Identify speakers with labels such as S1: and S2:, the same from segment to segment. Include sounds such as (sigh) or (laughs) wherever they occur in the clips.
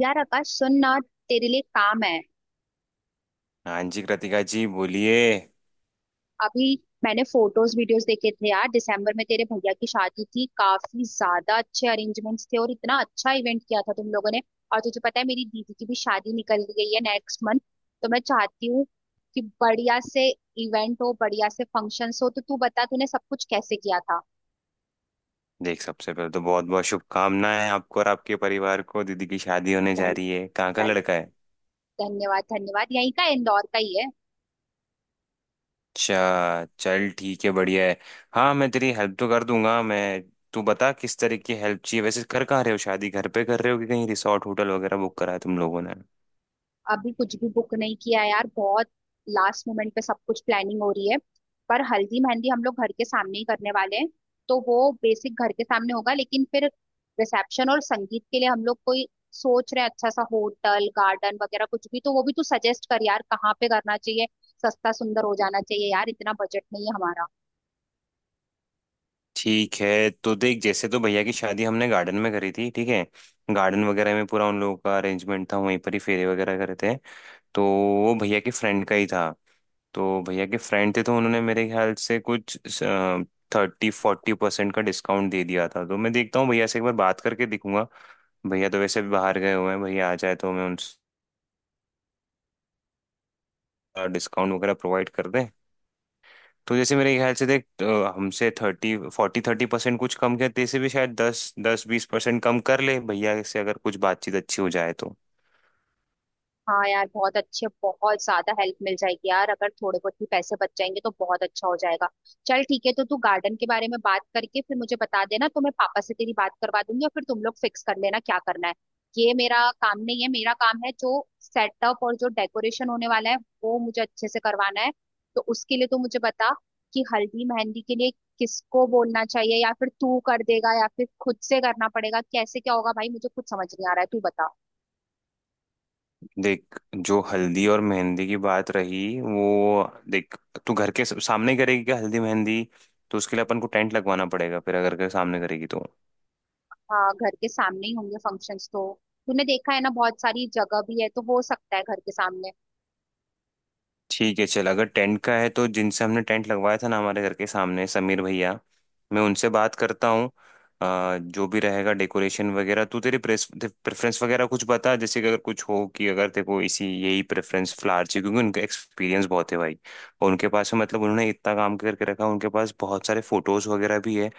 S1: यार आकाश सुन ना। तेरे लिए काम है।
S2: हाँ जी कृतिका जी बोलिए।
S1: अभी मैंने फोटोज वीडियोस देखे थे यार, दिसंबर में तेरे भैया की शादी थी, काफी ज्यादा अच्छे अरेंजमेंट्स थे और इतना अच्छा इवेंट किया था तुम लोगों ने। और तुझे पता है मेरी दीदी की भी शादी निकल गई है नेक्स्ट मंथ। तो मैं चाहती हूँ कि बढ़िया से इवेंट हो, बढ़िया से फंक्शंस हो, तो तू बता तूने सब कुछ कैसे किया था।
S2: देख, सबसे पहले तो बहुत बहुत शुभकामनाएं आपको और आपके परिवार को। दीदी की शादी होने जा
S1: धन,
S2: रही है, कहाँ का
S1: धन,
S2: लड़का है?
S1: धन्यवाद धन्यवाद। यहीं का, इंदौर का ही है।
S2: अच्छा, चल ठीक है, बढ़िया है। हाँ, मैं तेरी हेल्प तो कर दूंगा। मैं तू बता किस तरह की हेल्प चाहिए। वैसे कर कहाँ रहे हो, शादी घर पे कर रहे हो कि कहीं रिसोर्ट होटल वगैरह बुक करा है तुम लोगों ने?
S1: अभी कुछ भी बुक नहीं किया है यार, बहुत लास्ट मोमेंट पे सब कुछ प्लानिंग हो रही है। पर हल्दी मेहंदी हम लोग घर के सामने ही करने वाले हैं, तो वो बेसिक घर के सामने होगा। लेकिन फिर रिसेप्शन और संगीत के लिए हम लोग कोई सोच रहे हैं अच्छा सा होटल गार्डन वगैरह कुछ भी, तो वो भी तू सजेस्ट कर यार, कहाँ पे करना चाहिए। सस्ता सुंदर हो जाना चाहिए यार, इतना बजट नहीं है हमारा।
S2: ठीक है, तो देख, जैसे तो भैया की शादी हमने गार्डन में करी थी ठीक है। गार्डन वगैरह में पूरा उन लोगों का अरेंजमेंट था, वहीं पर ही फेरे वगैरह करे थे। तो वो भैया के फ्रेंड का ही था। तो भैया के फ्रेंड थे तो उन्होंने मेरे ख्याल से कुछ 30-40% का डिस्काउंट दे दिया था। तो मैं देखता हूँ, भैया से एक बार बात करके देखूंगा। भैया तो वैसे भी बाहर गए हुए हैं, भैया आ जाए तो मैं उनसे डिस्काउंट वगैरह प्रोवाइड कर दें। तो जैसे मेरे ख्याल से देख, हमसे 30% कुछ कम किया जैसे भी। शायद दस दस 20% कम कर ले भैया से अगर कुछ बातचीत अच्छी हो जाए तो।
S1: हाँ यार, बहुत अच्छे, बहुत ज्यादा हेल्प मिल जाएगी यार, अगर थोड़े बहुत भी पैसे बच जाएंगे तो बहुत अच्छा हो जाएगा। चल ठीक है, तो तू गार्डन के बारे में बात करके फिर मुझे बता देना, तो मैं पापा से तेरी बात करवा दूंगी और फिर तुम लोग फिक्स कर लेना क्या करना है। ये मेरा काम नहीं है, मेरा काम है जो सेटअप और जो डेकोरेशन होने वाला है वो मुझे अच्छे से करवाना है। तो उसके लिए तो मुझे बता कि हल्दी मेहंदी के लिए किसको बोलना चाहिए, या फिर तू कर देगा या फिर खुद से करना पड़ेगा, कैसे क्या होगा भाई, मुझे कुछ समझ नहीं आ रहा है, तू बता।
S2: देख, जो हल्दी और मेहंदी की बात रही वो, देख, तू घर के सामने ही करेगी क्या हल्दी मेहंदी? तो उसके लिए अपन को टेंट लगवाना पड़ेगा, फिर अगर घर के सामने करेगी तो।
S1: हाँ, घर के सामने ही होंगे फंक्शंस। तो तूने देखा है ना, बहुत सारी जगह भी है तो हो सकता है घर के सामने।
S2: ठीक है चल, अगर टेंट का है तो जिनसे हमने टेंट लगवाया था ना हमारे घर के सामने, समीर भैया, मैं उनसे बात करता हूँ। जो भी रहेगा डेकोरेशन वगैरह, तू तेरी प्रेस प्रेफरेंस वगैरह कुछ बता। जैसे कि अगर कुछ हो, कि अगर तेरे को इसी यही प्रेफरेंस फ्लावर चाहिए, क्योंकि उनका एक्सपीरियंस बहुत है भाई। और उनके पास में मतलब उन्होंने इतना काम करके रखा, उनके पास बहुत सारे फोटोज वगैरह भी है।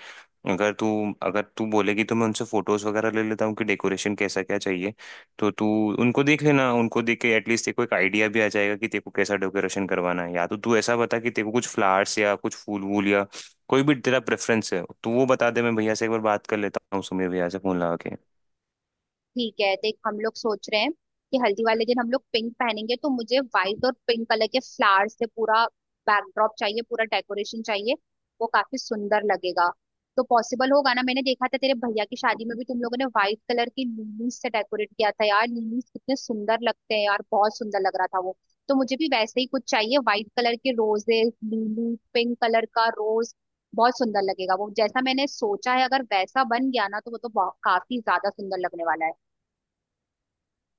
S2: अगर तू अगर तू बोलेगी तो मैं उनसे फोटोज वगैरह ले लेता हूँ कि डेकोरेशन कैसा क्या चाहिए। तो तू उनको देख लेना, उनको देख के एटलीस्ट तेरे को एक आइडिया भी आ जाएगा कि तेरे को कैसा डेकोरेशन करवाना है। या तो तू ऐसा बता कि तेरे को कुछ फ्लावर्स या कुछ फूल वूल या कोई भी तेरा प्रेफरेंस है तो वो बता दे। मैं भैया से एक बार बात कर लेता हूँ, सुमीर भैया से फोन लगा के।
S1: ठीक है, देख हम लोग सोच रहे हैं कि हल्दी वाले दिन हम लोग पिंक पहनेंगे, तो मुझे व्हाइट और पिंक कलर के फ्लावर से पूरा बैकड्रॉप चाहिए, पूरा डेकोरेशन चाहिए। वो काफी सुंदर लगेगा। तो पॉसिबल होगा ना, मैंने देखा था तेरे भैया की शादी में भी तुम लोगों ने व्हाइट कलर की लिलीज से डेकोरेट किया था यार, लिलीज कितने सुंदर लगते हैं यार, बहुत सुंदर लग रहा था वो। तो मुझे भी वैसे ही कुछ चाहिए, व्हाइट कलर के रोजेस, लिली, पिंक कलर का रोज, बहुत सुंदर लगेगा। वो जैसा मैंने सोचा है, अगर वैसा बन गया ना, तो वो तो काफी ज्यादा सुंदर लगने वाला है।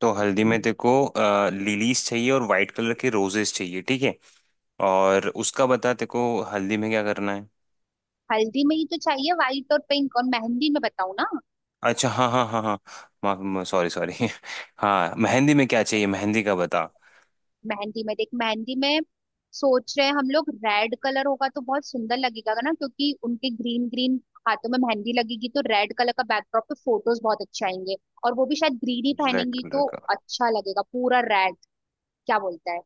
S2: तो हल्दी में तेरे को लिलीज चाहिए और वाइट कलर के रोजेस चाहिए ठीक है। और उसका बता, तेरे को हल्दी में क्या करना है।
S1: हल्दी में ही तो चाहिए व्हाइट और पिंक, और मेहंदी में बताऊँ ना?
S2: अच्छा, हाँ हाँ हाँ हाँ। माफ, सॉरी सॉरी। (laughs) हाँ, मेहंदी में क्या चाहिए, मेहंदी का बता।
S1: मेहंदी में देख, मेहंदी में सोच रहे हैं हम लोग रेड कलर होगा तो बहुत सुंदर लगेगा ना, क्योंकि उनके ग्रीन ग्रीन हाथों में मेहंदी लगेगी तो रेड कलर का बैकड्रॉप पे फोटोज बहुत अच्छे आएंगे। और वो भी शायद ग्रीन ही
S2: रेड
S1: पहनेंगी
S2: कलर
S1: तो
S2: का,
S1: अच्छा लगेगा, पूरा रेड। क्या बोलता है?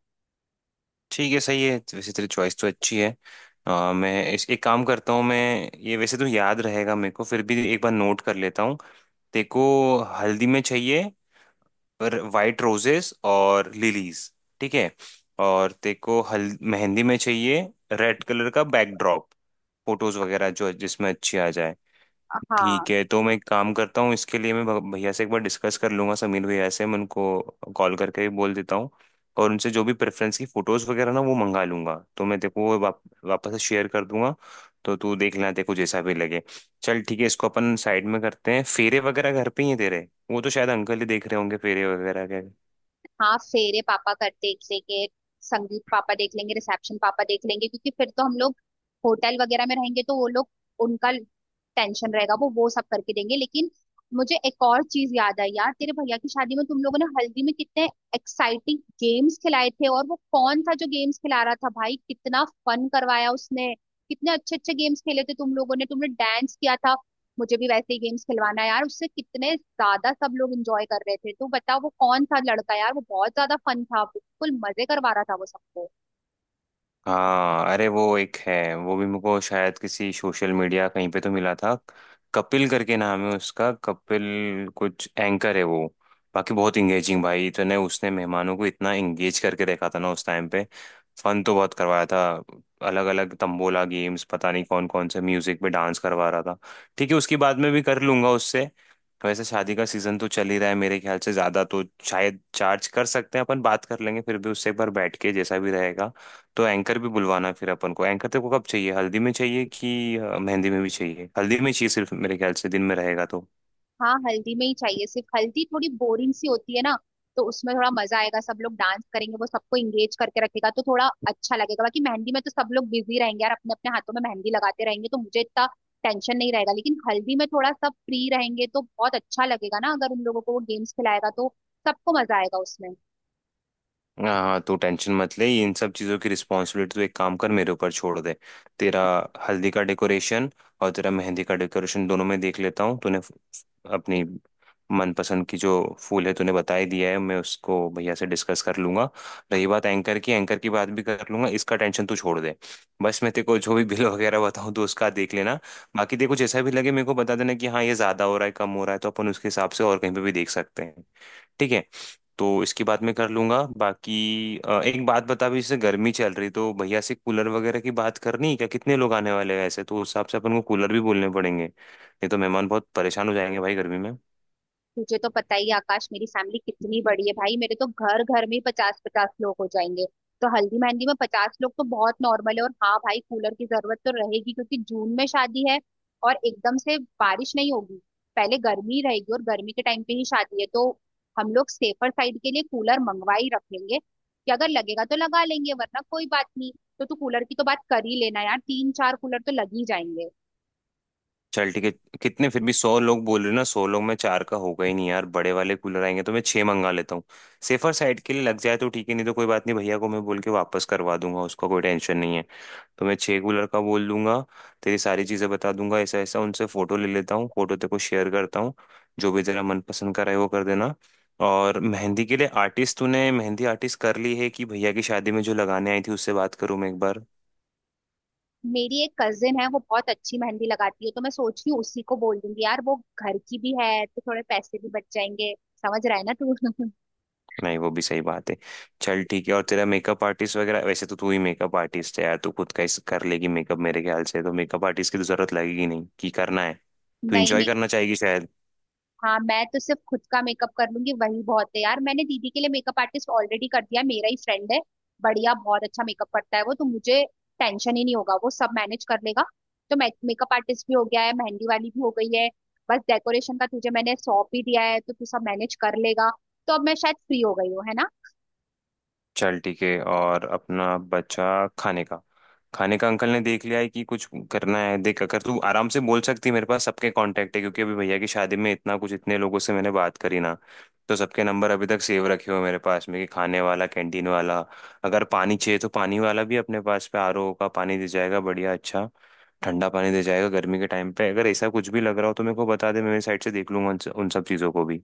S2: ठीक है। सही है, वैसे तेरी चॉइस तो अच्छी है। मैं इस एक काम करता हूँ। मैं ये वैसे तो याद रहेगा मेरे को, फिर भी एक बार नोट कर लेता हूँ। तेरे को हल्दी में चाहिए पर वाइट रोजेस और लिलीज ठीक है। और तेरे को हल मेहंदी में चाहिए रेड कलर का बैकड्रॉप, फोटोज वगैरह जो जिसमें अच्छी आ जाए।
S1: हाँ।
S2: ठीक है, तो मैं एक काम करता हूँ, इसके लिए मैं भैया से एक बार डिस्कस कर लूंगा, समीर भैया से। मैं उनको कॉल करके भी बोल देता हूँ। और उनसे जो भी प्रेफरेंस की फ़ोटोज़ वगैरह ना वो मंगा लूंगा, तो मैं तेको वो वापस से शेयर कर दूंगा। तो तू देख लेना, तेको जैसा भी लगे। चल ठीक है, इसको अपन साइड में करते हैं। फेरे वगैरह घर पे ही है तेरे, वो तो शायद अंकल ही देख रहे होंगे फेरे वगैरह के।
S1: हाँ, फेरे पापा कर देख लेंगे, संगीत पापा देख लेंगे, रिसेप्शन पापा देख लेंगे, क्योंकि फिर तो हम लोग होटल वगैरह में रहेंगे तो वो लोग, उनका टेंशन रहेगा, वो सब करके देंगे। लेकिन मुझे एक और चीज याद आई यार, तेरे भैया की शादी में तुम लोगों ने हल्दी में कितने एक्साइटिंग गेम्स खिलाए थे, और वो कौन था जो गेम्स खिला रहा था भाई, कितना फन करवाया उसने, कितने अच्छे अच्छे गेम्स खेले थे तुम लोगों ने, तुमने डांस किया था। मुझे भी वैसे ही गेम्स खिलवाना है यार, उससे कितने ज्यादा सब लोग एंजॉय कर रहे थे। तू बता वो कौन सा लड़का यार, वो बहुत ज्यादा फन था, बिल्कुल मजे करवा रहा था वो सबको।
S2: हाँ, अरे वो एक है, वो भी मुझको शायद किसी सोशल मीडिया कहीं पे तो मिला था। कपिल करके नाम है उसका, कपिल कुछ। एंकर है वो। बाकी बहुत इंगेजिंग भाई, इतने उसने मेहमानों को इतना इंगेज करके देखा था ना उस टाइम पे। फन तो बहुत करवाया था। अलग अलग तंबोला गेम्स, पता नहीं कौन कौन से म्यूजिक पे डांस करवा रहा था। ठीक है, उसकी बाद में भी कर लूंगा उससे। वैसे शादी का सीजन तो चल ही रहा है, मेरे ख्याल से ज्यादा तो शायद चार्ज कर सकते हैं। अपन बात कर लेंगे, फिर भी उससे एक बार बैठ के, जैसा भी रहेगा। तो एंकर भी बुलवाना फिर अपन को। एंकर तेरे को कब चाहिए, हल्दी में चाहिए कि मेहंदी में भी चाहिए? हल्दी में चाहिए सिर्फ, मेरे ख्याल से दिन में रहेगा तो।
S1: हाँ, हल्दी में ही चाहिए सिर्फ, हल्दी थोड़ी बोरिंग सी होती है ना, तो उसमें थोड़ा मजा आएगा, सब लोग डांस करेंगे, वो सबको इंगेज करके रखेगा तो थोड़ा अच्छा लगेगा। बाकी मेहंदी में तो सब लोग बिजी रहेंगे यार, अपने अपने हाथों में मेहंदी लगाते रहेंगे तो मुझे इतना टेंशन नहीं रहेगा। लेकिन हल्दी में थोड़ा सब फ्री रहेंगे तो बहुत अच्छा लगेगा ना, अगर उन लोगों को वो गेम्स खिलाएगा तो सबको मजा आएगा उसमें।
S2: हाँ हाँ, तू टेंशन मत ले, इन सब चीज़ों की रिस्पॉन्सिबिलिटी तो, एक काम कर मेरे ऊपर छोड़ दे। तेरा हल्दी का डेकोरेशन और तेरा मेहंदी का डेकोरेशन दोनों में देख लेता हूँ। तूने अपनी मनपसंद की जो फूल है तूने बता ही दिया है, मैं उसको भैया से डिस्कस कर लूंगा। रही बात एंकर की, एंकर की बात भी कर लूंगा, इसका टेंशन तू छोड़ दे। बस मैं तेरे को जो भी बिल (laughs) वगैरह बताऊँ तो उसका देख लेना। बाकी देखो जैसा भी लगे मेरे को बता देना कि हाँ ये ज्यादा हो रहा है, कम हो रहा है, तो अपन उसके हिसाब से और कहीं पे भी देख सकते हैं ठीक है। तो इसके बाद में कर लूंगा। बाकी एक बात बता भी, जैसे गर्मी चल रही तो भैया से कूलर वगैरह की बात करनी है क्या? कितने लोग आने वाले हैं ऐसे, तो उस हिसाब से अपन को कूलर भी बोलने पड़ेंगे, नहीं तो मेहमान बहुत परेशान हो जाएंगे भाई गर्मी में।
S1: तुझे तो पता ही है, आकाश, मेरी फैमिली कितनी बड़ी है भाई, मेरे तो घर घर में 50 50 लोग हो जाएंगे। तो हल्दी मेहंदी में 50 लोग तो बहुत नॉर्मल है। और हाँ भाई, कूलर की जरूरत तो रहेगी क्योंकि जून में शादी है, और एकदम से बारिश नहीं होगी, पहले गर्मी रहेगी और गर्मी के टाइम पे ही शादी है। तो हम लोग सेफर साइड के लिए कूलर मंगवा ही रखेंगे कि अगर लगेगा तो लगा लेंगे वरना कोई बात नहीं। तो तू कूलर की तो बात कर ही लेना यार, 3-4 कूलर तो लग ही जाएंगे।
S2: चल ठीक है, कितने, फिर भी 100 लोग बोल रहे हो ना, 100 लोग में चार का होगा ही नहीं यार, बड़े वाले कूलर आएंगे तो मैं 6 मंगा लेता हूँ। सेफर साइड के लिए लग जाए तो ठीक है, नहीं तो कोई बात नहीं, भैया को मैं बोल के वापस करवा दूंगा, उसका कोई टेंशन नहीं है। तो मैं छः को लड़का बोल दूंगा, तेरी सारी चीज़ें बता दूंगा ऐसा ऐसा। उनसे फ़ोटो ले लेता हूँ, फ़ोटो तेरे को शेयर करता हूँ, जो भी तेरा मनपसंद का रहे वो कर देना। और मेहंदी के लिए आर्टिस्ट, तूने मेहंदी आर्टिस्ट कर ली है कि भैया की शादी में जो लगाने आई थी उससे बात करूँ मैं एक बार?
S1: मेरी एक कजिन है, वो बहुत अच्छी मेहंदी लगाती है तो मैं सोच रही हूँ उसी को बोल दूंगी यार, वो घर की भी है तो थोड़े पैसे भी बच जाएंगे। समझ रहा है ना तू? (laughs)
S2: नहीं, वो भी सही बात है। चल ठीक है, और तेरा मेकअप आर्टिस्ट वगैरह, वैसे तो तू ही मेकअप आर्टिस्ट है यार, तू खुद का ही कर लेगी मेकअप, मेरे ख्याल से तो मेकअप आर्टिस्ट की तो जरूरत लगेगी नहीं कि करना है। तू इंजॉय
S1: नहीं।
S2: करना चाहेगी शायद।
S1: हाँ, मैं तो सिर्फ खुद का मेकअप कर लूंगी, वही बहुत है यार। मैंने दीदी के लिए मेकअप आर्टिस्ट ऑलरेडी कर दिया है, मेरा ही फ्रेंड है। बढ़िया, बहुत अच्छा मेकअप करता है वो, तो मुझे टेंशन ही नहीं होगा, वो सब मैनेज कर लेगा। तो मैं, मेकअप आर्टिस्ट भी हो गया है, मेहंदी वाली भी हो गई है, बस डेकोरेशन का तुझे मैंने सौंप ही दिया है, तो तू सब मैनेज कर लेगा। तो अब मैं शायद फ्री हो गई हूँ, है ना?
S2: चल ठीक है, और अपना बचा खाने का, खाने का अंकल ने देख लिया है कि कुछ करना है? देख, अगर तू आराम से बोल सकती है, मेरे पास सबके कांटेक्ट है, क्योंकि अभी भैया की शादी में इतना कुछ इतने लोगों से मैंने बात करी ना, तो सबके नंबर अभी तक सेव रखे हुए हैं मेरे पास में, कि खाने वाला, कैंटीन वाला, अगर पानी चाहिए तो पानी वाला भी। अपने पास पे आरओ का पानी दे जाएगा, बढ़िया अच्छा ठंडा पानी दे जाएगा गर्मी के टाइम पे। अगर ऐसा कुछ भी लग रहा हो तो मेरे को बता दे, मैं मेरी साइड से देख लूंगा उन उन सब चीज़ों को भी।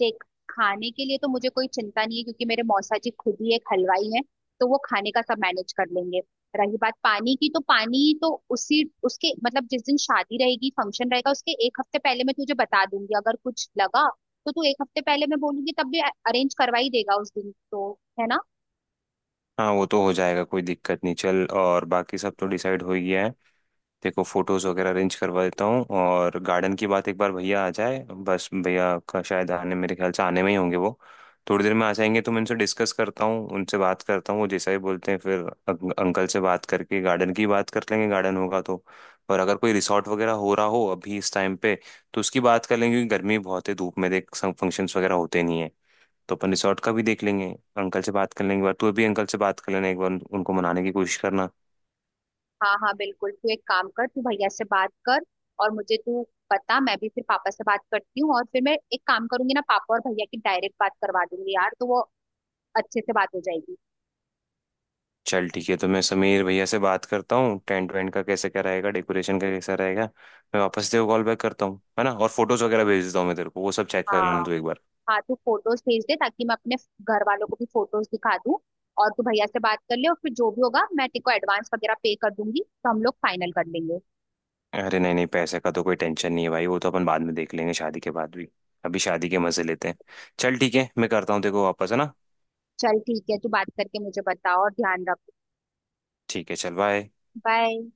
S1: देख, खाने के लिए तो मुझे कोई चिंता नहीं है, क्योंकि मेरे मौसा जी खुद ही एक हलवाई हैं, तो वो खाने का सब मैनेज कर लेंगे। रही बात पानी की, तो पानी तो उसी उसके मतलब जिस दिन शादी रहेगी, फंक्शन रहेगा, उसके एक हफ्ते पहले मैं तुझे बता दूंगी अगर कुछ लगा। तो तू, एक हफ्ते पहले मैं बोलूंगी तब भी अरेंज करवा ही देगा उस दिन तो, है ना?
S2: हाँ, वो तो हो जाएगा, कोई दिक्कत नहीं। चल, और बाकी सब तो डिसाइड हो ही गया है। देखो, फोटोज वगैरह अरेंज करवा देता हूँ, और गार्डन की बात एक बार भैया आ जाए बस। भैया का शायद आने, मेरे ख्याल से आने में ही होंगे वो, थोड़ी देर में आ जाएंगे, तो मैं उनसे डिस्कस करता हूँ, उनसे बात करता हूँ, वो जैसा ही बोलते हैं फिर अंकल से बात करके गार्डन की बात कर लेंगे। गार्डन होगा तो, और अगर कोई रिसॉर्ट वगैरह हो रहा हो अभी इस टाइम पे तो उसकी बात कर लेंगे, क्योंकि गर्मी बहुत है, धूप में देख फंक्शंस वगैरह होते नहीं है, तो अपन रिसॉर्ट का भी देख लेंगे। अंकल से बात कर लेंगे एक बार, तू भी अंकल से बात कर लेना एक बार, उनको मनाने की कोशिश करना।
S1: हाँ हाँ बिल्कुल, तू एक काम कर, तू भैया से बात कर और मुझे तू बता। मैं भी फिर पापा से बात करती हूँ और फिर मैं एक काम करूंगी ना, पापा और भैया की डायरेक्ट बात करवा दूंगी यार, तो वो अच्छे से बात हो जाएगी।
S2: चल ठीक है, तो मैं समीर भैया से बात करता हूँ, टेंट वेंट का कैसे क्या रहेगा, डेकोरेशन का कैसा रहेगा। मैं वापस तेरे को कॉल बैक करता हूँ है ना, और फोटोज वगैरह भेज देता हूँ मैं तेरे को, वो सब चेक कर
S1: हाँ।
S2: लेना तू एक बार।
S1: हाँ, तू फोटोज भेज दे ताकि मैं अपने घर वालों को भी फोटोज दिखा दूँ। और तू भैया से बात कर ले, और फिर जो भी होगा मैं तेरे को एडवांस वगैरह पे कर दूंगी तो हम लोग फाइनल कर लेंगे।
S2: अरे नहीं नहीं, पैसे का तो कोई टेंशन नहीं है भाई, वो तो अपन बाद में देख लेंगे, शादी के बाद भी। अभी शादी के मजे लेते हैं। चल ठीक है, मैं करता हूँ तेरे को वापस है ना।
S1: चल ठीक है, तू बात करके मुझे बता और ध्यान रख।
S2: ठीक है चल बाय।
S1: बाय।